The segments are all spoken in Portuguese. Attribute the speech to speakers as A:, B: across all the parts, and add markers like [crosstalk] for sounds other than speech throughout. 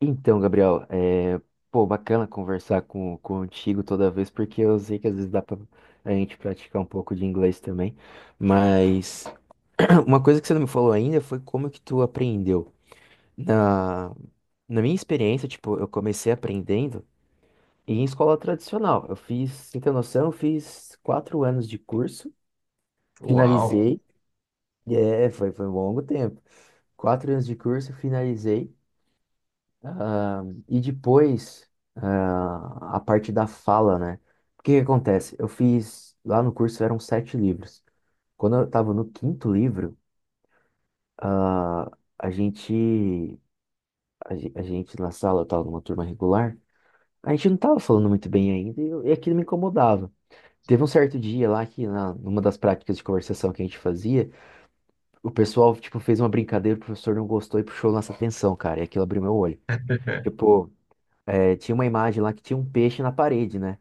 A: Então, Gabriel, pô, bacana conversar contigo toda vez, porque eu sei que às vezes dá pra a gente praticar um pouco de inglês também, mas [clears throat] uma coisa que você não me falou ainda foi como que tu aprendeu. Na, Na minha experiência, tipo, eu comecei aprendendo em escola tradicional. Eu fiz, sem ter noção, eu fiz quatro anos de curso,
B: Uau!
A: finalizei, foi um longo tempo. Quatro anos de curso, finalizei, e depois, a parte da fala, né? O que que acontece? Eu fiz, lá no curso eram sete livros. Quando eu estava no quinto livro, ah, a gente, a gente na sala, eu estava numa turma regular, a gente não estava falando muito bem ainda e e aquilo me incomodava. Teve um certo dia lá que numa das práticas de conversação que a gente fazia, o pessoal, tipo, fez uma brincadeira, o professor não gostou e puxou nossa atenção, cara, e aquilo abriu meu olho.
B: [laughs]
A: Tipo, tinha uma imagem lá que tinha um peixe na parede, né?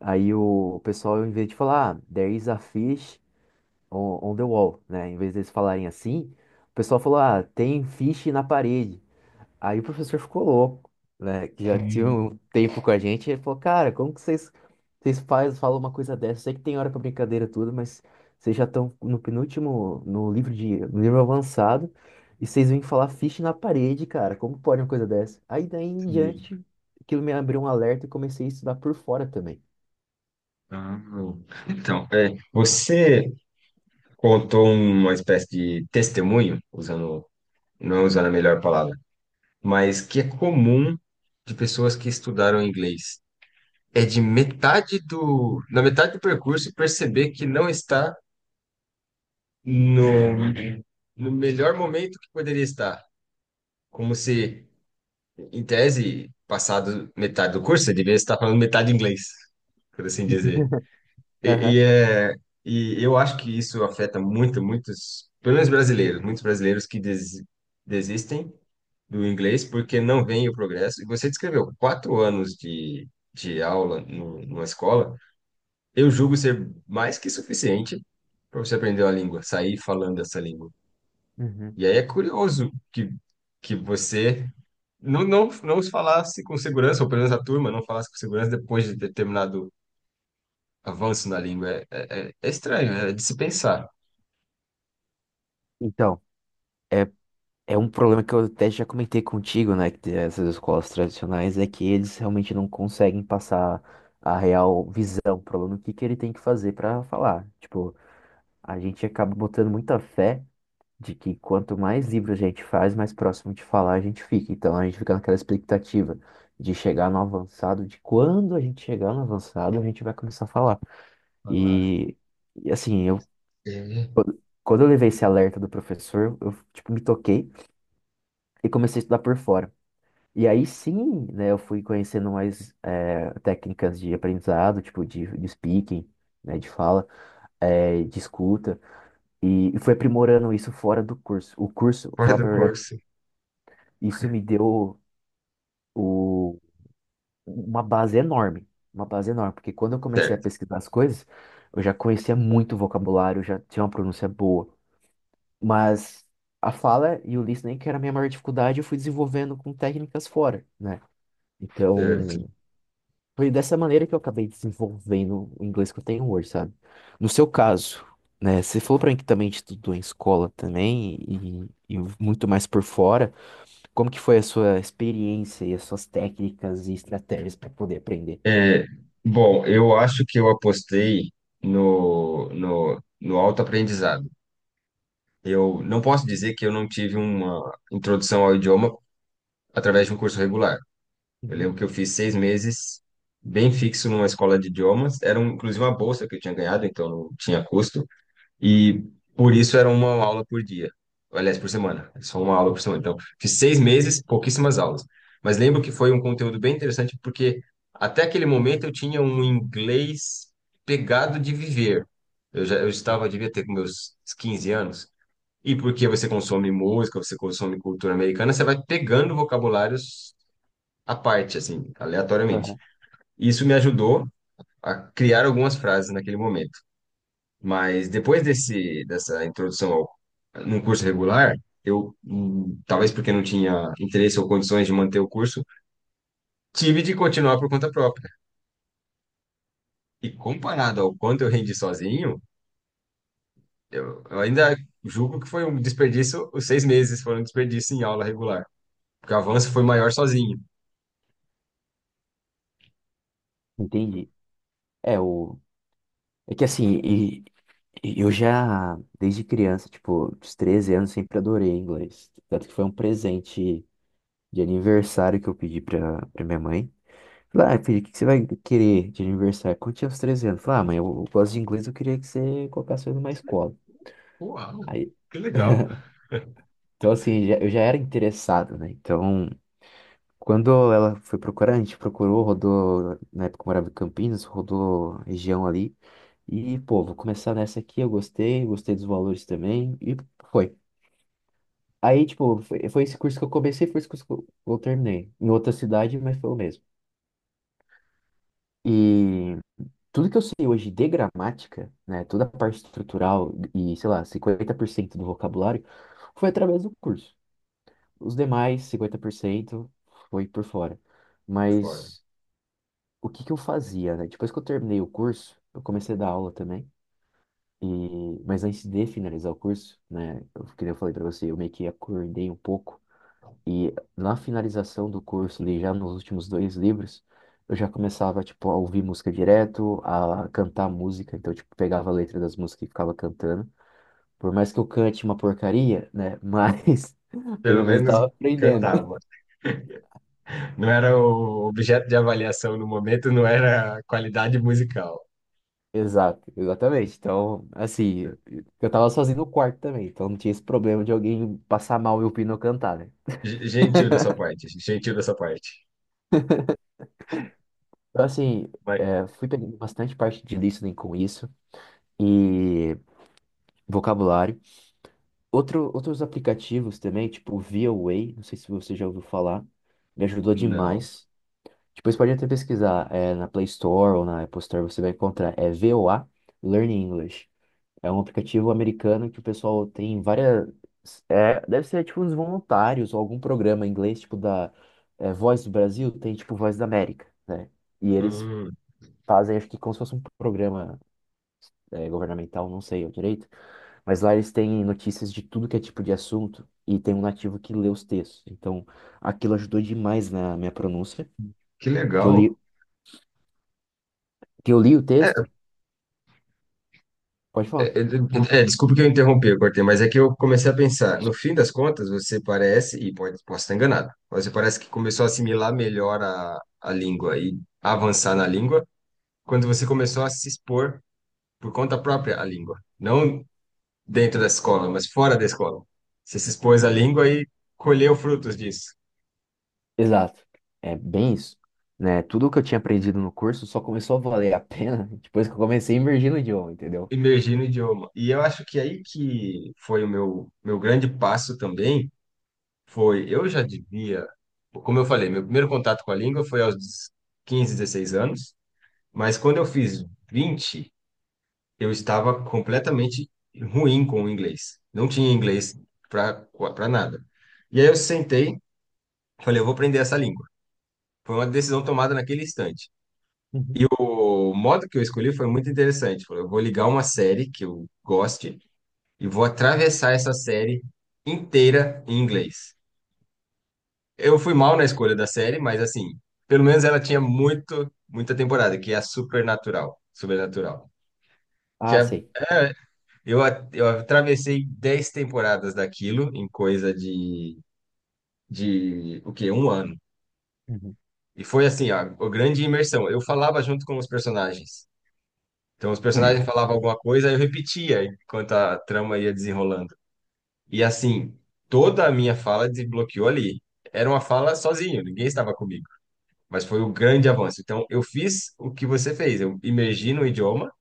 A: Aí o pessoal, em vez de falar, ah, there is a fish on the wall, né? Em vez deles falarem assim, o pessoal falou, ah, tem fish na parede. Aí o professor ficou louco, né? Que já tinha
B: Sim,
A: um tempo com a gente, ele falou, cara, como que vocês, vocês faz, falam uma coisa dessa? Eu sei que tem hora pra brincadeira e tudo, mas vocês já estão no penúltimo, no livro de, no livro avançado, e vocês vêm falar fish na parede, cara, como pode uma coisa dessa? Aí daí em
B: sim.
A: diante, aquilo me abriu um alerta e comecei a estudar por fora também.
B: Amo. Então, é, você contou uma espécie de testemunho, usando, não usando a melhor palavra, mas que é comum de pessoas que estudaram inglês. É na metade do percurso perceber que não está no, no melhor momento que poderia estar. Como se, em tese, passado metade do curso, você deveria estar falando metade inglês, por assim dizer. E, e é, e eu acho que isso afeta muitos, pelo menos brasileiros, muitos brasileiros que desistem do inglês porque não veem o progresso. E você descreveu quatro anos de aula no, numa escola, eu julgo ser mais que suficiente para você aprender uma língua, sair falando essa língua.
A: Uhum.
B: E aí é curioso que você não, não, não falasse com segurança, ou pelo menos a turma não falasse com segurança depois de determinado avanço na língua. É estranho, é de se pensar.
A: Então, é um problema que eu até já comentei contigo, né? Que essas escolas tradicionais é que eles realmente não conseguem passar a real visão pro aluno, o que que ele tem que fazer para falar. Tipo, a gente acaba botando muita fé de que quanto mais livro a gente faz, mais próximo de falar a gente fica. Então, a gente fica naquela expectativa de chegar no avançado, de quando a gente chegar no avançado, a gente vai começar a falar.
B: Falar.
A: E, e assim, eu.
B: É,
A: Quando eu levei esse alerta do professor, eu, tipo, me toquei e comecei a estudar por fora. E aí sim, né, eu fui conhecendo mais técnicas de aprendizado, tipo de speaking, né, de fala, de escuta, e fui aprimorando isso fora do curso. O curso, vou
B: fora
A: falar
B: do
A: pra verdade,
B: curso.
A: isso me deu o, uma base enorme, uma base enorme, porque quando eu comecei a
B: Certo,
A: pesquisar as coisas, eu já conhecia muito vocabulário, já tinha uma pronúncia boa, mas a fala e o listening, que era a minha maior dificuldade, eu fui desenvolvendo com técnicas fora, né?
B: certo.
A: Então, Foi dessa maneira que eu acabei desenvolvendo o inglês que eu tenho hoje, sabe? No seu caso, né, você falou pra mim que também estudou em escola também e muito mais por fora. Como que foi a sua experiência e as suas técnicas e estratégias para poder aprender?
B: É, bom, eu acho que eu apostei no autoaprendizado. Eu não posso dizer que eu não tive uma introdução ao idioma através de um curso regular. Eu
A: Uhum.
B: lembro que eu fiz 6 meses bem fixo numa escola de idiomas. Era, um, inclusive, uma bolsa que eu tinha ganhado, então não tinha custo. E por isso era uma aula por dia. Aliás, por semana. É só uma aula por semana. Então, fiz 6 meses, pouquíssimas aulas. Mas lembro que foi um conteúdo bem interessante, porque até aquele momento eu tinha um inglês pegado de viver. Eu estava, devia ter com meus 15 anos. E porque você consome música, você consome cultura americana, você vai pegando vocabulários à parte, assim, aleatoriamente.
A: Aham.
B: Isso me ajudou a criar algumas frases naquele momento. Mas depois dessa introdução no curso regular, talvez porque não tinha interesse ou condições de manter o curso, tive de continuar por conta própria. E comparado ao quanto eu rendi sozinho, eu ainda julgo que foi um desperdício, os 6 meses foram um desperdício em aula regular, porque o avanço foi maior sozinho.
A: Entendi. É, o... é que assim, e- e eu já, desde criança, tipo, dos 13 anos, sempre adorei inglês. Tanto que foi um presente de aniversário que eu pedi pra minha mãe. Falei, ah, filho, o que que você vai querer de aniversário? Quando tinha uns 13 anos, falei, ah, mãe, eu gosto de inglês, eu queria que você colocasse eu numa escola.
B: Uau,
A: Aí,
B: que legal.
A: então, assim, eu já era interessado, né? Então, quando ela foi procurar, a gente procurou, rodou, na época eu morava em Campinas, rodou região ali. E, pô, vou começar nessa aqui, eu gostei, gostei dos valores também, e foi. Aí, tipo, foi esse curso que eu comecei, foi esse curso que eu terminei. Em outra cidade, mas foi o mesmo. E tudo que eu sei hoje de gramática, né, toda a parte estrutural e, sei lá, 50% do vocabulário foi através do curso. Os demais, 50% foi por fora.
B: Fora.
A: Mas o que que eu fazia, né? Depois que eu terminei o curso, eu comecei a dar aula também. E, mas antes de finalizar o curso, né, eu, que nem eu falei para você, eu meio que acordei um pouco e na finalização do curso, ali já nos últimos dois livros, eu já começava, tipo, a ouvir música direto, a cantar música. Então, tipo, pegava a letra das músicas e ficava cantando. Por mais que eu cante uma porcaria, né? Mas [laughs]
B: Pelo
A: pelo menos
B: menos
A: tava aprendendo.
B: cantava.
A: [laughs]
B: Não era o objeto de avaliação no momento, não era qualidade musical.
A: Exato, exatamente. Então, assim, eu tava sozinho no quarto também. Então não tinha esse problema de alguém passar mal e ouvindo eu cantar, né?
B: Gentil da sua parte, gentil da sua parte.
A: Então, assim,
B: Mas,
A: é, fui pegando bastante parte de listening com isso. E vocabulário. Outros aplicativos também, tipo o Way, não sei se você já ouviu falar, me ajudou
B: não.
A: demais. Depois pode até pesquisar, é, na Play Store ou na Apple Store você vai encontrar, é VOA Learn English. É um aplicativo americano que o pessoal tem várias, é, deve ser tipo uns voluntários ou algum programa em inglês, tipo da é, Voz do Brasil, tem tipo Voz da América, né? E eles
B: Hum,
A: fazem, acho que como se fosse um programa é, governamental, não sei ao direito, mas lá eles têm notícias de tudo que é tipo de assunto e tem um nativo que lê os textos. Então, aquilo ajudou demais na minha pronúncia,
B: que
A: que eu
B: legal.
A: li, que eu li o
B: É,
A: texto, pode
B: é,
A: falar.
B: é, [laughs] desculpa que eu interrompi, eu cortei, mas é que eu comecei a pensar. No fim das contas, você parece, e posso estar enganado, mas você parece que começou a assimilar melhor a língua e avançar na língua quando você começou a se expor por conta própria à língua. Não dentro da escola, mas fora da escola. Você se expôs à língua e colheu frutos disso.
A: Exato. É bem isso, né? Tudo que eu tinha aprendido no curso só começou a valer a pena [laughs] depois que eu comecei a imergir no idioma, entendeu?
B: Imergir no idioma. E eu acho que aí que foi o meu grande passo também, foi, eu já devia, como eu falei, meu primeiro contato com a língua foi aos 15, 16 anos, mas quando eu fiz 20 eu estava completamente ruim com o inglês. Não tinha inglês para para nada. E aí eu sentei, falei, eu vou aprender essa língua. Foi uma decisão tomada naquele instante.
A: Uhum.
B: E o modo que eu escolhi foi muito interessante. Falei, eu vou ligar uma série que eu goste e vou atravessar essa série inteira em inglês. Eu fui mal na escolha da série, mas assim, pelo menos ela tinha muita temporada, que é a Supernatural, Supernatural. Que
A: Ah,
B: é,
A: sei.
B: é, eu, a- eu atravessei 10 temporadas daquilo em coisa de o quê? Um ano.
A: Uhum.
B: E foi assim, ó, a grande imersão. Eu falava junto com os personagens. Então, os personagens falavam alguma coisa, eu repetia enquanto a trama ia desenrolando. E assim, toda a minha fala desbloqueou ali. Era uma fala sozinho, ninguém estava comigo. Mas foi o grande avanço. Então, eu fiz o que você fez. Eu imergi no idioma,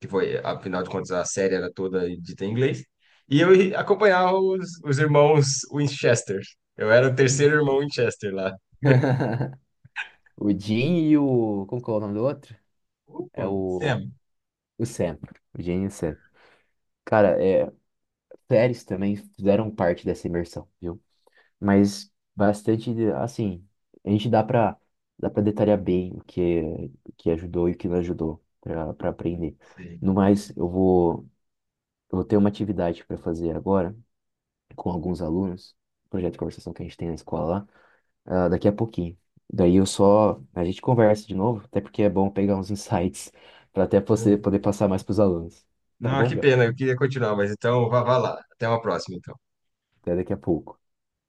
B: que foi, afinal de contas, a série era toda dita em inglês. E eu acompanhava os irmãos Winchester. Eu era o terceiro irmão Winchester lá.
A: [laughs] O Jim e o. Como que é o nome do outro? É o.
B: Sam.
A: O Sam. O Jim e o Sam. Cara, é, séries também fizeram parte dessa imersão, viu? Mas bastante, assim, a gente dá pra detalhar bem o que ajudou e o que não ajudou pra aprender.
B: Sim.
A: No mais, eu vou ter uma atividade para fazer agora com alguns alunos, um projeto de conversação que a gente tem na escola lá, ah, daqui a pouquinho. Daí eu só, a gente conversa de novo, até porque é bom pegar uns [laughs] insights para até você poder passar mais para os alunos. Tá
B: Não,
A: bom,
B: que
A: Gabriel?
B: pena, eu queria continuar, mas então vá, vá lá. Até uma próxima, então.
A: Até daqui a pouco.